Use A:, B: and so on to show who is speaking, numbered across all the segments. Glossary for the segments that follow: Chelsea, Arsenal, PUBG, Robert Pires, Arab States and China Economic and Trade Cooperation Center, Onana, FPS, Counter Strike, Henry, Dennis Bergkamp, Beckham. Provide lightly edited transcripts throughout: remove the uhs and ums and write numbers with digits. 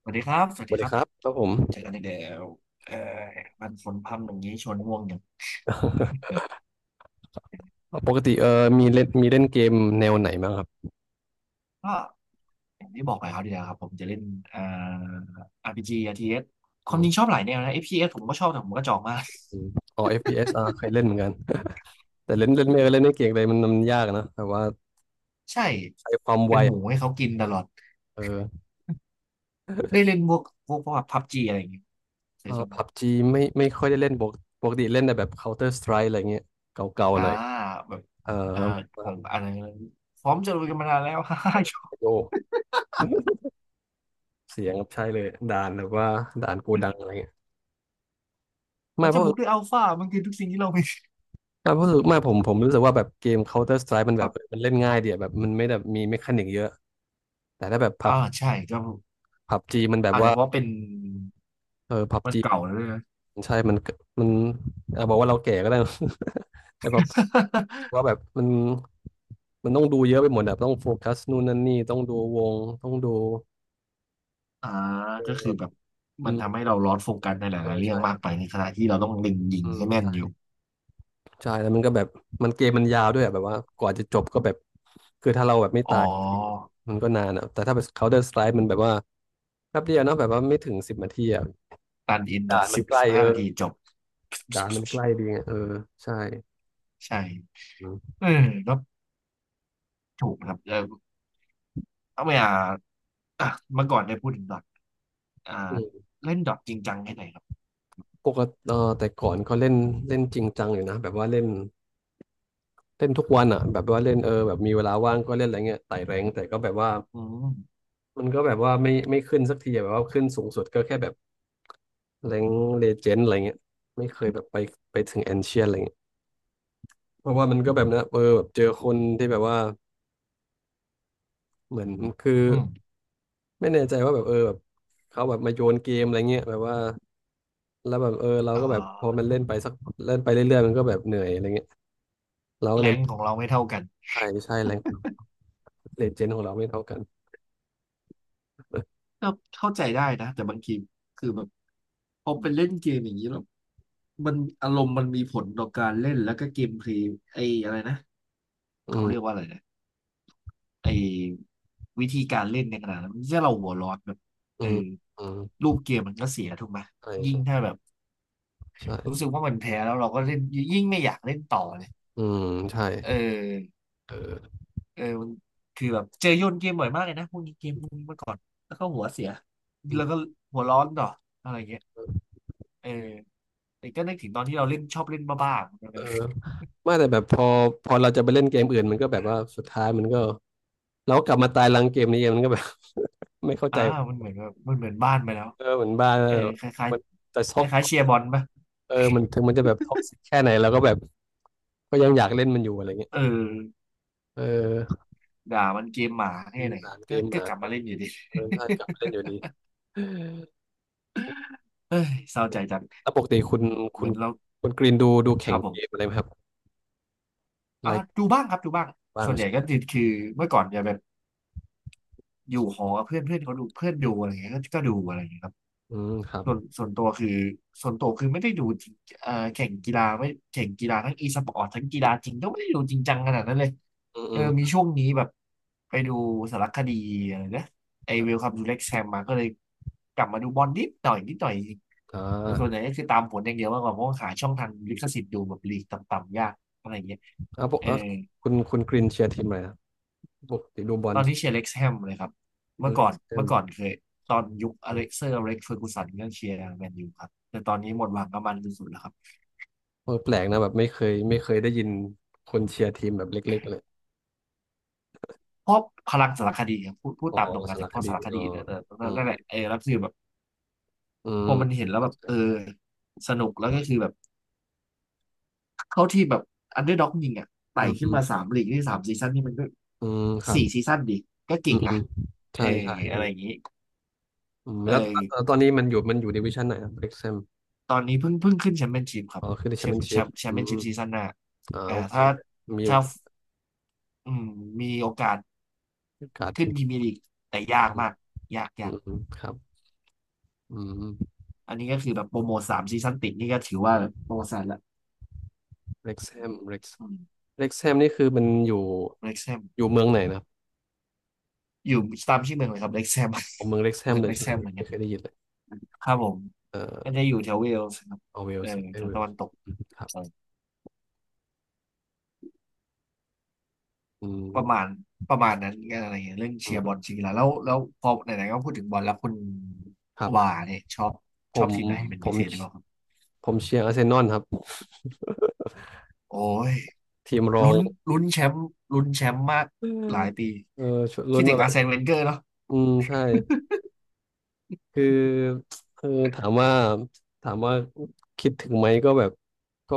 A: สวัสดีครับ สวั
B: ส
A: สดี
B: วัส
A: ค
B: ดี
A: รับ
B: ครับครับผม
A: เจอกันอีกแล้วเอ่อมันฝนพรำอย่างนี้ชวนง่วงอย่าง
B: ปกติมีเล่นเกมแนวไหนบ้างครับ
A: ก็อย่างที่บอกไปครับเดียวครับผมจะเล่นอ่า RPG RTS ค
B: อื
A: วามจริงช
B: ม
A: อบหลายแนวนะ FPS ผมก็ชอบแต่ผมก็จองมา ก
B: อืมอ๋อ FPS อฟพีเอสเคยเล่นเหมือนกันแต่เล่นเล่นไม่เล่นไม่เก่งเลยมันยากนะแต่ว่า
A: ใช่
B: ใช้ความไว
A: เป็นหมู
B: อะ
A: ให้เขากินตลอด
B: เออ
A: ได้เล่นพวกพวกพับจีอะไรอย่างเงี้ยเค
B: เอ
A: ย
B: อ
A: ชม
B: พับจีไม่ค่อยได้เล่นปกติเล่นแต่แบบ Counter Strike อะไรเงี้ยเก่าๆ
A: อ่า
B: หน่อย
A: แบบ
B: เออ
A: เอ่อผ
B: มา
A: มอะไรพร้อมจะลุยกันมานานแล้ว ฮ่าฮ่า
B: โยก เสียงครับใช่เลยด่านแบบว่าด่านโกดังอะไรเงี้ย
A: เรา
B: ไม่เพ
A: จะ
B: ราะ
A: บุกด้วยอัลฟามันคือทุกสิ่งที่เรามี
B: ไม่เพราะรู้สึกไม่ผมผมรู้สึกว่าแบบเกม Counter Strike มัน
A: ค
B: แบ
A: รั
B: บ
A: บ
B: เออมันเล่นง่ายเดียแบบมันไม่แบบมีเมคานิกเยอะแต่ถ้าแบบ
A: อ่าใช่ก็
B: ผับจีมันแบบ
A: อาจ
B: ว่า
A: จะเพราะเป็น
B: เออพับ
A: มัน
B: จี
A: เก่าแล้วด้วยนะ
B: ใช่มันมันอ่ะบอกว่าเราแก่ก็ได้ แต่แบบ ว่าแบบมันต้องดูเยอะไปหมดแบบต้องโฟกัสนู่นนั่นนี่ต้องดูวงต้องดู
A: อ่าก็คือ
B: เออ
A: แบบ
B: อื
A: มันทำ
B: ม
A: ให้เราลอสโฟกัสในห
B: เอ
A: ลาย
B: อ
A: ๆเรื่อง
B: ใช่แบ
A: มาก
B: บ
A: ไปในขณะที่เราต้องเล็งยิง
B: อืม
A: ให้แม่น
B: ใช่
A: อยู่
B: ใช่แล้วมันก็แบบมันเกมมันยาวด้วยอะแบบว่ากว่าจะจบก็แบบคือถ้าเราแบบไม่
A: อ๋
B: ตายที
A: อ
B: มันก็นานอะแต่ถ้าเป็น Counter Strike มันแบบว่าแป๊บเดียวเนอะแบบว่าไม่ถึงสิบนาทีอะ
A: ตันอิน
B: ด่า
A: นะ
B: นมันใก
A: สิ
B: ล้
A: บห้า
B: เอ
A: นา
B: อ
A: ทีจบ
B: ด่านมันใกล้ดีไงเออใช่
A: ใช่
B: อื
A: เออก็ถูกนะครับเออเอาไปอ่าอ่ะเมื่อก่อนได้พูดถึงดอทอ่า
B: ม
A: เล่นดอทจริงจังแค่ไหนครับ
B: ปกติเออแต่ก่อนก็เล่นเล่นจริงจังอยู่นะแบบว่าเล่นเล่นทุกวันอ่ะแบบว่าเล่นเออแบบมีเวลาว่างก็เล่นอะไรเงี้ยไต่แรงค์แต่ก็แบบว่า
A: อืม
B: มันก็แบบว่าไม่ขึ้นสักทีอะแบบว่าขึ้นสูงสุดก็แค่แบบแรงเลเจนด์อะไรเงี้ยไม่เคยแบบไปถึงแอนเชียนอะไรเงี้ยเพราะว่ามันก็แบบนะเออแบบเจอคนที่แบบว่าเหมือนคือ
A: อืม
B: ไม่แน่ใจว่าแบบเออแบบเขาแบบมาโยนเกมอะไรเงี้ยแบบว่าแล้วแบบเออเรา
A: อ่
B: ก็แบบพอ
A: า
B: มันเล่นไปสักเล่นไปเรื่อยๆมันก็แบบเหนื่อยอะไรเงี้ยเราก็
A: แร
B: เลย
A: ง
B: ไม่
A: ของเราไม่เท่ากัน
B: ใช่ใช่แรงเลเจนด์ของเราไม่เท่ากัน
A: ก็เข้าใจได้นะแต่บางทีคือแบบพอไปเล่นเกมอย่างนี้แล้วมันอารมณ์มันมีผลต่อการเล่นแล้วก็เกมเพลย์ไอ้อะไรนะ
B: อื
A: เขาเรียก
B: ม
A: ว่าอะไรนะไอ้วิธีการเล่นในขณะนั้นที่เราหัวร้อนแบบ
B: อื
A: เอ
B: ม
A: อ
B: อืม
A: รูปเกมมันก็เสียถูกไหม
B: ใช่
A: ยิ่ง
B: ใช่
A: ถ้าแบบ
B: ใช่
A: รู้สึกว่ามันแพ้แล้วเราก็เล่นยิ่งไม่อยากเล่นต่อเลย
B: อืมใช่
A: เออ
B: เออ
A: เออมันคือแบบเจอโยนเกมบ่อยมากเลยนะพวกนี้เกมพวกนี้เมื่อก่อนแล้วก็หัวเสีย
B: อื
A: แล้
B: ม
A: วก็หัวร้อนต่ออะไรเงี้ยเออแต่ก็นึกถึงตอนที่เราเล่นชอบเล่นบ้าๆเหมือนกัน
B: เอ
A: เล
B: อ
A: ย
B: ไม่แต่แบบพอเราจะไปเล่นเกมอื่นมันก็แบบว่าสุดท้ายมันก็เรากลับมาตายรังเกมนี้เองมันก็แบบ ไม่เข้า
A: อ่า
B: ใจ
A: มันเหมือนแบบมันเหมือนบ้านไปแล้ว
B: เออเหมือนบ้านแล้
A: เอ
B: ว
A: อคล้าย
B: มันจะ
A: ๆคล้า
B: ท็
A: ย
B: อ
A: ๆ
B: ก
A: เชียร์
B: ซิ
A: บ
B: ก
A: อลปะ
B: เออมันถึงมันจะแบบท็อกซิกแค่ไหนเราก็แบบก็ยังอยากเล่นมันอยู่อะไรเงี้ย
A: เออ
B: เออ
A: ด่ามันเกมหมาแค่ไหน
B: อ่านเก
A: ก็
B: มอ่า
A: ก
B: น
A: ลับมาเล่นอยู่ดี
B: เออถ้ากลับมาเล่นอยู่ดี
A: เอ้ยเศร้าใจจัง
B: แล้วปกติ
A: อื
B: คุณ
A: มเห
B: คุ
A: มื
B: ณ
A: อนเรา
B: คุณกรีนดู
A: ค
B: แข่ง
A: รับผ
B: เกมอะ
A: ม
B: ไรไหมครับไล
A: อ่ะ
B: ค์
A: ดูบ้างครับดูบ้าง
B: บ้าง
A: ส่วนให
B: ใช่
A: ญ่
B: ไหม
A: ก็คือเมื่อก่อนจะแบบอยู่หอกับเพื่อนเพื่อนเขาดูเพื่อนดูอะไรเงี้ยก็ดูอะไรเงี้ยครับ
B: อืมครับ
A: ส่วนตัวคือไม่ได้ดูจริงแข่งกีฬาไม่แข่งกีฬาทั้งอีสปอร์ตทั้งกีฬาจริงก็ไม่ได้ดูจริงจังขนาดนั้นเลย
B: อืมอื
A: เออมี
B: ม
A: ช่วงนี้แบบไปดูสารคดีอะไรนะไอเวล
B: อ
A: คัมทูเล็กแซมมาก็เลยกลับมาดูบอลนิดหน่อยนิดหน่อยจริง
B: ่า
A: แต่ส่วนใหญ่ก็คือตามผลอย่างเดียวมากกว่าเพราะว่าหาช่องทางลิขสิทธิ์ดูแบบลีกต่ำๆยากอะไรอย่างเงี้ยเออ
B: อ่ะคุณกรินเชียร์ทีมอะไรครับปกติดูบอ
A: ต
B: ล
A: อนนี้เชียร์เล็กซ์แฮมเลยครับเมื่อ
B: เล็
A: ก่อ
B: ก
A: น
B: เตม
A: เคยตอนยุคอเล็กซ์เฟอร์กูสันก็เชียร์แมนยูครับ แต่ตอนนี้หมดหวังกับมันสุดๆแล้วครับ
B: เออแปลกนะแบบไม่เคยได้ยินคนเชียร์ทีมแบบเล็กๆเลย
A: เพราะพลังสารคดีครับพูด
B: อ๋อ
A: ตามตรงกัน
B: สาร
A: จากเพ
B: ค
A: ราะ
B: ดี
A: สารค
B: อ๋
A: ดี
B: อ
A: แต่
B: อืม
A: นั่นแหละเออแล้วคือแบบ
B: อื
A: พ
B: ม
A: อมันเห็นแล้ว
B: เข้า
A: แบบ
B: ใจ
A: เออสนุกแล้วก็คือแบบเข้าที่แบบอันเดอร์ด็อกยิงอ่ะ
B: อื
A: ไต่
B: ม
A: ขึ้
B: อื
A: น
B: ม
A: มาสามลีกที่สามซีซั่นนี่มันก็
B: อืมครับ
A: สี่ซีซั่นดิก็
B: อื
A: เก่
B: ม
A: ง
B: อื
A: นะ
B: มใช่
A: เออ
B: ใช่เออ
A: อะไรอย่างนี้
B: อืม
A: เออ
B: แล้วตอนนี้มันอยู่ดิวิชั่นไหนครับเล็กเซม
A: ตอนนี้เพิ่งขึ้นแชมเปี้ยนชิพครั
B: อ๋
A: บ
B: อคือดิแชมเปี้ยนชิพ
A: แช
B: อื
A: มเปี้ยน
B: ม
A: ชิพซีซั่นหน้า
B: อ่า
A: อ่า
B: โอเค
A: ถ้า
B: มีโอ
A: ถ้า
B: กา
A: อืมมีโอกาส
B: สไป
A: ขึ้นพรีเมียร์ลีกแต่
B: อื
A: ยาก
B: ม
A: มาก
B: อื
A: ยาก
B: มอืมครับอืม
A: อันนี้ก็คือแบบโปรโมทสามซีซั่นติดนี่ก็ถือว่าแบบประวัติศาสตร์ละ
B: เล็กเซมเล็ก
A: อืม
B: เล็กแฮมนี่คือมันอยู่
A: เล็กแซม
B: อยู่เมืองไหนนะครับ
A: อยู่ตามชื่อเมืองเลยครับเล็กแซม
B: เเมืองเล็กแฮ
A: เมื
B: ม
A: อง
B: เลย
A: เล็ก
B: ใช่ไห
A: แซ
B: ม
A: มเหมือน
B: ไม่
A: กัน
B: เคยได้ยินเลย
A: ครับผม
B: เอ่
A: มัน
B: อ
A: จะอยู่แถวเวลส์ครับ
B: เอาเวล
A: เออ
B: ส์เอ
A: แถว
B: เว
A: ตะ
B: ล
A: วันตก
B: ครับอื
A: ประมา
B: ม
A: ณนั้นอะไรอย่างเงี้ยเรื่อง
B: อื
A: เชียร์บอล
B: ม
A: จริงๆแล้วพอไหนๆก็พูดถึงบอลแล้วคุณ
B: ครั
A: ว่า
B: บ
A: เนี่ยชอบ
B: ผม
A: ทีมไหนเป็น
B: ผ
A: พิ
B: ม
A: เศษหรือเปล่าครับ
B: ผมเชียร์อาร์เซนอลครับ
A: โอ้ย
B: ทีมรอ
A: ลุ้
B: ง
A: นลุ้นแชมป์ลุ้นแชมป์มาก
B: อืม
A: หลายปี
B: เออชวนลุ้
A: คิด
B: น
A: ถึ
B: มา
A: ง
B: แบ
A: อา
B: บ
A: ร์เซนเวนเกอร์เนาะ
B: อืมใช่คือคือถามว่าถามว่าคิดถึงไหมก็แบบก็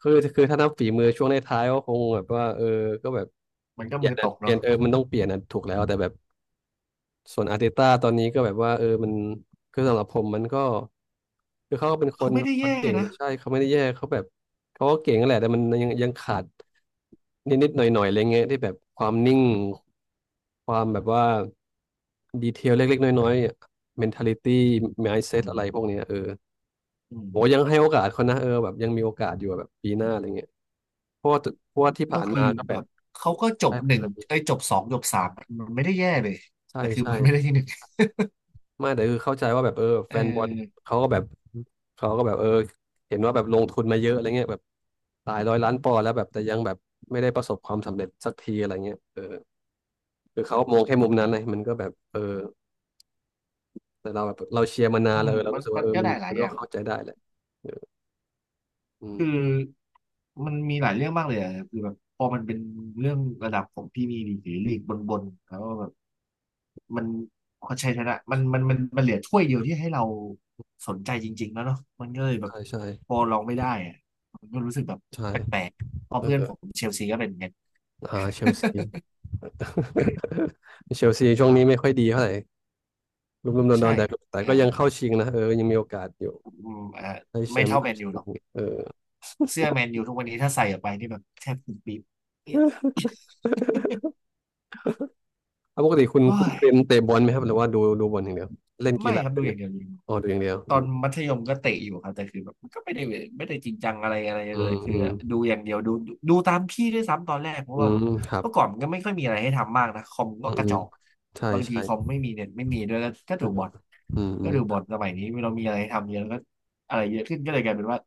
B: คือถ้านับฝีมือช่วงในท้ายๆก็คงแบบว่าเออก็แบบ
A: มันก็มือตก
B: เปลี่ย
A: เนาะ
B: นเออมันต้องเปลี่ยนอะถูกแล้วแต่แบบ ส่วนอาร์เตต้าตอนนี้ก็แบบว่าเออมันคือสำหรับผมมันก็คือเขาก็เป็น
A: เขาไม่ได้
B: คน
A: แย่
B: เก่งแห
A: นะ
B: ละใช่เขาไม่ได้แย่เขาแบบเขาก็เก่งนั่นแหละแต่มันยังขาดนิดหน่อยหน่อยๆอะไรเงี้ยที่แบบความนิ่งความแบบว่าดีเทลเล็กๆน้อยๆ mentality
A: อื
B: mindset อะไร
A: ม
B: พวกเนี้ยเออ
A: อืม
B: โหยังให้โอกาสเขานะเออแบบยังมีโอกาสอยู่อะแบบปีหน้าอะไรเงี้ยเพราะว่าเพราะว่าที่
A: ก็
B: ผ่าน
A: คื
B: มา
A: อ
B: ก็แบ
A: แบ
B: บ
A: บเขาก็จ
B: ใช่
A: บหนึ่งไอ้ยจบสองจบสามมันไม่ได้แย่เลย
B: ใช่
A: แต่คือ
B: ใช่
A: มันไม่ได้ที่หนึ่ง
B: ไม่แต่คือเข้าใจว่าแบบเออแฟ
A: เอ
B: นบอล
A: อ
B: เขาก็แบบเขาก็แบบเออเห็นว่าแบบลงทุนมาเยอะอะไรเงี้ยแบบหลายร้อยล้านปอนด์แล้วแบบแต่ยังแบบไม่ได้ประสบความสำเร็จสักทีอะไรเงี้ยเออคือเขามองแค่มุมนั้นเลยมันก็แบบเออแต่เราแบบเราเชียร์มานา
A: อื
B: นแล้
A: ม
B: วเออเรา
A: มั
B: รู้
A: น
B: สึก
A: มั
B: ว่า
A: น
B: เออ
A: ได้หลา
B: มั
A: ย
B: น
A: อ
B: ก็
A: ย่าง
B: เข้าใจได้แหละเอออืม
A: คือมันมีหลายเรื่องมากเลยอะคือแบบพอมันเป็นเรื่องระดับของพรีเมียร์ลีกหรือลีกบนๆแล้วก็แบบมันเขาใช้ชนะมันเหลือถ้วยเดียวที่ให้เราสนใจจริงๆแล้วเนาะมันก็เลยแบบ
B: ใช่ใช่
A: พอลองไม่ได้อะมันก็รู้สึกแบบ
B: ใช่
A: แปลกๆ
B: เออ
A: เพื่อนผมเชลซีก็เป็นเงี้ย
B: อ่าเชลซี เชลซีช่วงนี้ไม่ค่อยดีเท่าไหร่ลุ่มๆดอ
A: ใช่
B: นๆแต่แต่
A: เออ
B: ก็ยังเข้าชิงนะเออยังมีโอกาสอยู่
A: อืมเออ
B: ได้แช
A: ไม่
B: มป์
A: เท่า
B: ได้
A: แมน
B: แช
A: ยูห
B: ม
A: รอ
B: ป์
A: ก
B: เออ
A: เสื้อแมนยูทุกวันนี้ถ้าใส่ออกไปนี่แบบแทบปุ๊บปิ๊บ
B: แล้วปกติคุณ
A: โอ้
B: คุณ
A: ย
B: เป็นเตะบอลไหมครับหรือว่าดูบอลอย่างเดียวเล่นกี
A: ไม่
B: ฬา
A: ครับ
B: ด้ว
A: ดู
B: ยไห
A: อ
B: ม
A: ย่างเดียว
B: อ๋อดูอย่างเดียว
A: ต
B: อื
A: อน
B: ม
A: มัธยมก็เตะอยู่ครับแต่คือแบบมันก็ไม่ได้จริงจังอะไรอะไร
B: อื
A: เลยคือดู
B: ม
A: อย่างเดียวดูตามพี่ด้วยซ้ำตอนแรกเพราะ
B: อื
A: ว่า
B: ม
A: แบบ
B: อืมครับ
A: เมื่อก่อนมันก็ไม่ค่อยมีอะไรให้ทำมากนะคอมก็
B: อืม
A: ก
B: อื
A: ระจ
B: ม
A: อก
B: ใช่
A: บางที
B: ใช่
A: คอมไม่มีเน็ตไม่มีด้วยก็
B: เออ
A: ดูบอท
B: อืมอื
A: ก็
B: ม
A: ดูบอทสมัยนี้เรามีอะไรให้ทำเยอะก็อะไรเยอะขึ้นก็เลยกลายเป็นว่า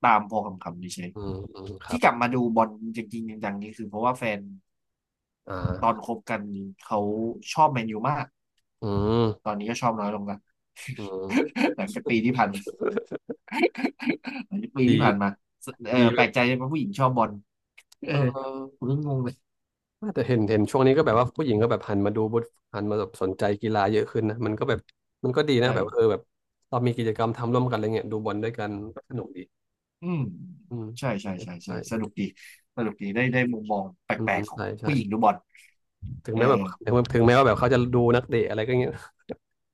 A: ตามพอคำเฉย
B: อืมอืมค
A: ๆ
B: รั
A: ที่
B: บ
A: กลับมาดูบอลจริงๆจังๆนี่คือเพราะว่าแฟน
B: อ่
A: ตอน
B: า
A: คบกันเขาชอบแมนยูมาก
B: อื
A: ตอ
B: ม
A: นนี้ก็ชอบน้อยลงละ
B: อืม
A: หลังจากปี
B: ดี
A: ที่ผ่านมาเออ
B: ดีแบ
A: แปล
B: บ
A: กใจว่าผู้หญิงชอบบอลเออ
B: เอ
A: ผ
B: อ
A: มก็งงเลย
B: แต่เห็นช่วงนี้ก็แบบว่าผู้หญิงก็แบบหันมาดูบุตหันมาแบบสนใจกีฬาเยอะขึ้นนะมันก็แบบมันก็ดีนะ
A: ใช่
B: แบบเออแบบเรามีกิจกรรมทำร่วมกันอะไรเงี้ยดูบอลด้วยกันก็สนุกดี
A: อืม
B: อืม
A: ใช่ใช่ใช่ใช่
B: ใช่
A: สนุกดีสนุกดี ได้ได้มุมมองแป
B: อื
A: ล
B: ม
A: กๆของ
B: ใช่ใช่
A: ผู้หญิงดูบอล
B: ถึง
A: เออ
B: แม้แบบถึงแม้ว่าแบบเขาจะดูนักเตะอะไรก็เงี้ย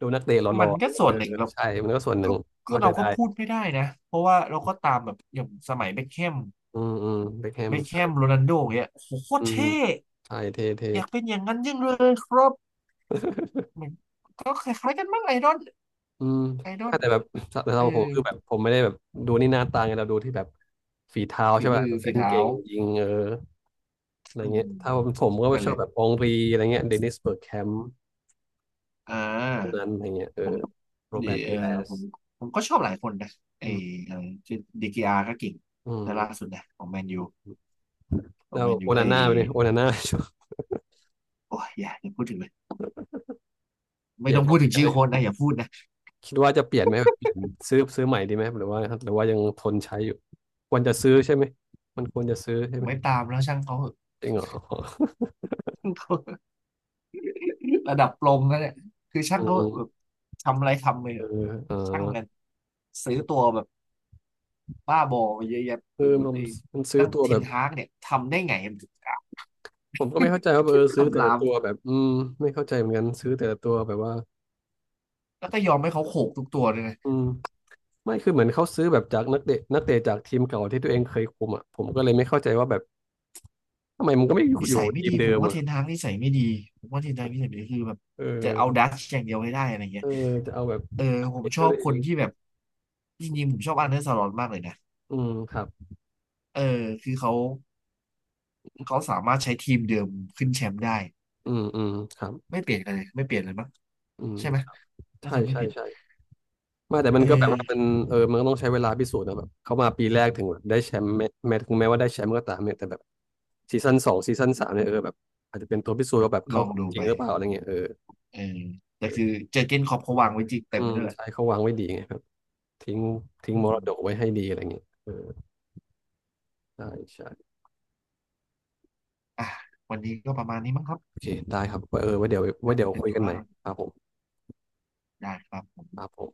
B: ดูนักเตะหล่
A: มั
B: อ
A: น
B: ๆอะ
A: ก็
B: ไรเงี้ย
A: ส่
B: เอ
A: วน
B: อ
A: หนึ่งเรา
B: ใช่มันก็ส่วนห
A: ก็
B: นึ่ง
A: ก็
B: เข้าใจ
A: เราก็
B: ได้
A: พูดไม่ได้นะ เพราะว่าเราก็ตามแบบอย่างสมัยเบ็คแฮม
B: อืมอืมเบคแฮม
A: เบ็คแฮ
B: ใช่
A: มโรนัลโดอย่างเงี้ยโอ้โหโคต
B: อื
A: ร
B: ม
A: เท่
B: ใช่เท่เท่
A: อยากเป็นอย่างนั้นยิ่งเลยครับเหมือนก็คล้ายๆกันมั้งไอดอล
B: อืม
A: ไอดอล
B: แต่
A: เนี่
B: แบ
A: ย
B: บแต่
A: เอ
B: เรา
A: อ
B: ผมคือแบบผมไม่ได้แบบดูนี่หน้าตาไงเราดูที่แบบฝีเท้า
A: ฝี
B: ใช่ไหม
A: มือ
B: แบบ
A: ฝี
B: เล่น
A: เท้า
B: เก่งยิงเอออะไร
A: อืม
B: เงี้ยถ้าผมก็
A: นั่น
B: ช
A: แห
B: อบ
A: ละ
B: แบบองรีอะไรเงี้ยเดนิสเบิร์กแคมป์
A: อ่า
B: พวกนั้นอะไรเงี้ยเอ
A: ผ
B: อ
A: ม
B: โรแบ
A: ดี
B: ร์ต
A: เอ
B: ปี
A: อ
B: แรส
A: ผมผมก็ชอบหลายคนนะไอ
B: อืม
A: อะไรชื่อดีกีอาร์ก็เก่ง
B: อื
A: นะล่า
B: ม
A: สุดนะของแมนยูของ
B: แล้ว
A: แมน
B: โอ
A: ยูไอ
B: นาน่าไปเนี่ยโอนาน่า
A: โอ้ยอย่าพูดถึงเลย
B: เก
A: ไม่
B: ลีย
A: ต้
B: ด
A: องพูดถึง
B: เก
A: ชื่อ
B: ลีย
A: โค
B: ด
A: นนะอย่าพูดนะ
B: คิดว่าจะเปลี่ยนไหมแบบเปลี่ยนซื้อใหม่ดีไหมหรือว่าหรือว่ายังทนใช้อยู่ควรจะซื้อใช่ไหมมันควรจะซื้อใช่
A: ผม
B: ไหม
A: ไม่ตามแล้วช่างเขา
B: จริงเหรอ
A: ช่างเขา ระดับโปรมแล้วเนี่ยคือช่า
B: อื
A: งเขาแบบ
B: ม
A: ทำอะไรทำเลย
B: เออเออ
A: ช่างกันซื้อตัวแบบบ้าบอมาเยอะแยะ
B: เอ
A: ไป
B: อ
A: หมด
B: มัน
A: เอง
B: มันซื้อ
A: ตั้ง
B: ตัว
A: เท
B: แบ
A: น
B: บ
A: ฮากเนี่ยทำได้ไง
B: ผมก็ไม่เข้าใจว่าเออซื้อแต่
A: กัำ
B: ละ
A: ราม
B: ตัวแบบอืมไม่เข้าใจเหมือนกันซื้อแต่ละตัวแบบว่า
A: แล้วก็ยอมให้เขาโขกทุกตัวเลยนะ
B: อืมไม่คือเหมือนเขาซื้อแบบจากนักเตะจากทีมเก่าที่ตัวเองเคยคุมอ่ะผมก็เลยไม่เข้าใจว่าแบบทำไมมันก็ไม่อยู่
A: นิ
B: อยู่
A: สัยไม่
B: ที
A: ดี
B: ม
A: ผ
B: เดิ
A: ม
B: ม
A: ว่าเท
B: อ่ะ
A: นฮากนิสัยไม่ดีผมว่าเทนฮากนิสัยไม่ดีคือแบบ
B: เอ
A: จะเอา
B: อ
A: ดัชอย่างเดียวให้ได้อะไรเงี้
B: เอ
A: ย
B: อจะเอาแบบ
A: เออ
B: นัก
A: ผม
B: เตะ
A: ช
B: ตั
A: อ
B: ว
A: บค
B: เอ
A: น
B: ง
A: ที่แบบจริงๆผมชอบอันเดอร์สลอตมากเลยนะ
B: อืมครับ
A: เออคือเขาเขาสามารถใช้ทีมเดิมขึ้นแชมป์ได้
B: อืมอืมครับ
A: ไม่เปลี่ยนอะไรไม่เปลี่ยนเลยมั้ง
B: อืม
A: ใช่ไหมน่า
B: ใช่
A: จะไม่
B: ใช่
A: ผิด
B: ใช่ ไม่แต่มั
A: เอ
B: นก็แบบว่ามัน
A: อ
B: เออมันก็ต้องใช้เวลาพิสูจน์นะแบบเข้ามาปีแรกถึงแบบได้แชมป์แม้ถึงแม้ว่าได้แชมป์ก็ตามเนี่ยแต่แบบซีซั่นสองซีซั่นสามเนี่ยเออแบบอาจจะเป็นตัวพิสูจน์ว่าแบบ
A: ล
B: เขา
A: องดู
B: จริ
A: ไป
B: งหรือเปล่าอะไรเงี้ยเออ
A: เออแต่คือเจอร์เก้นคล็อปเขาวางไว้จิก
B: อื
A: เต็ม
B: ม
A: ด้วยแหละ
B: ใช่เขาวางไว้ดีไงครับทิ้งทิ้ง
A: อื
B: มรดก
A: ม
B: ไว้ให้ดีอะไรเงี้ยเออใช่ใช่
A: อ่ะวันนี้ก็ประมาณนี้มั้งครับ
B: โอเคได้ครับไวเออไว้เดี๋ยวไว้
A: น่า
B: เดี๋ย
A: จะ
B: ว
A: เป็น
B: คุย
A: ธุ
B: กันให
A: ระ
B: ม่ครับผม
A: ได้ครับผม
B: ครับผม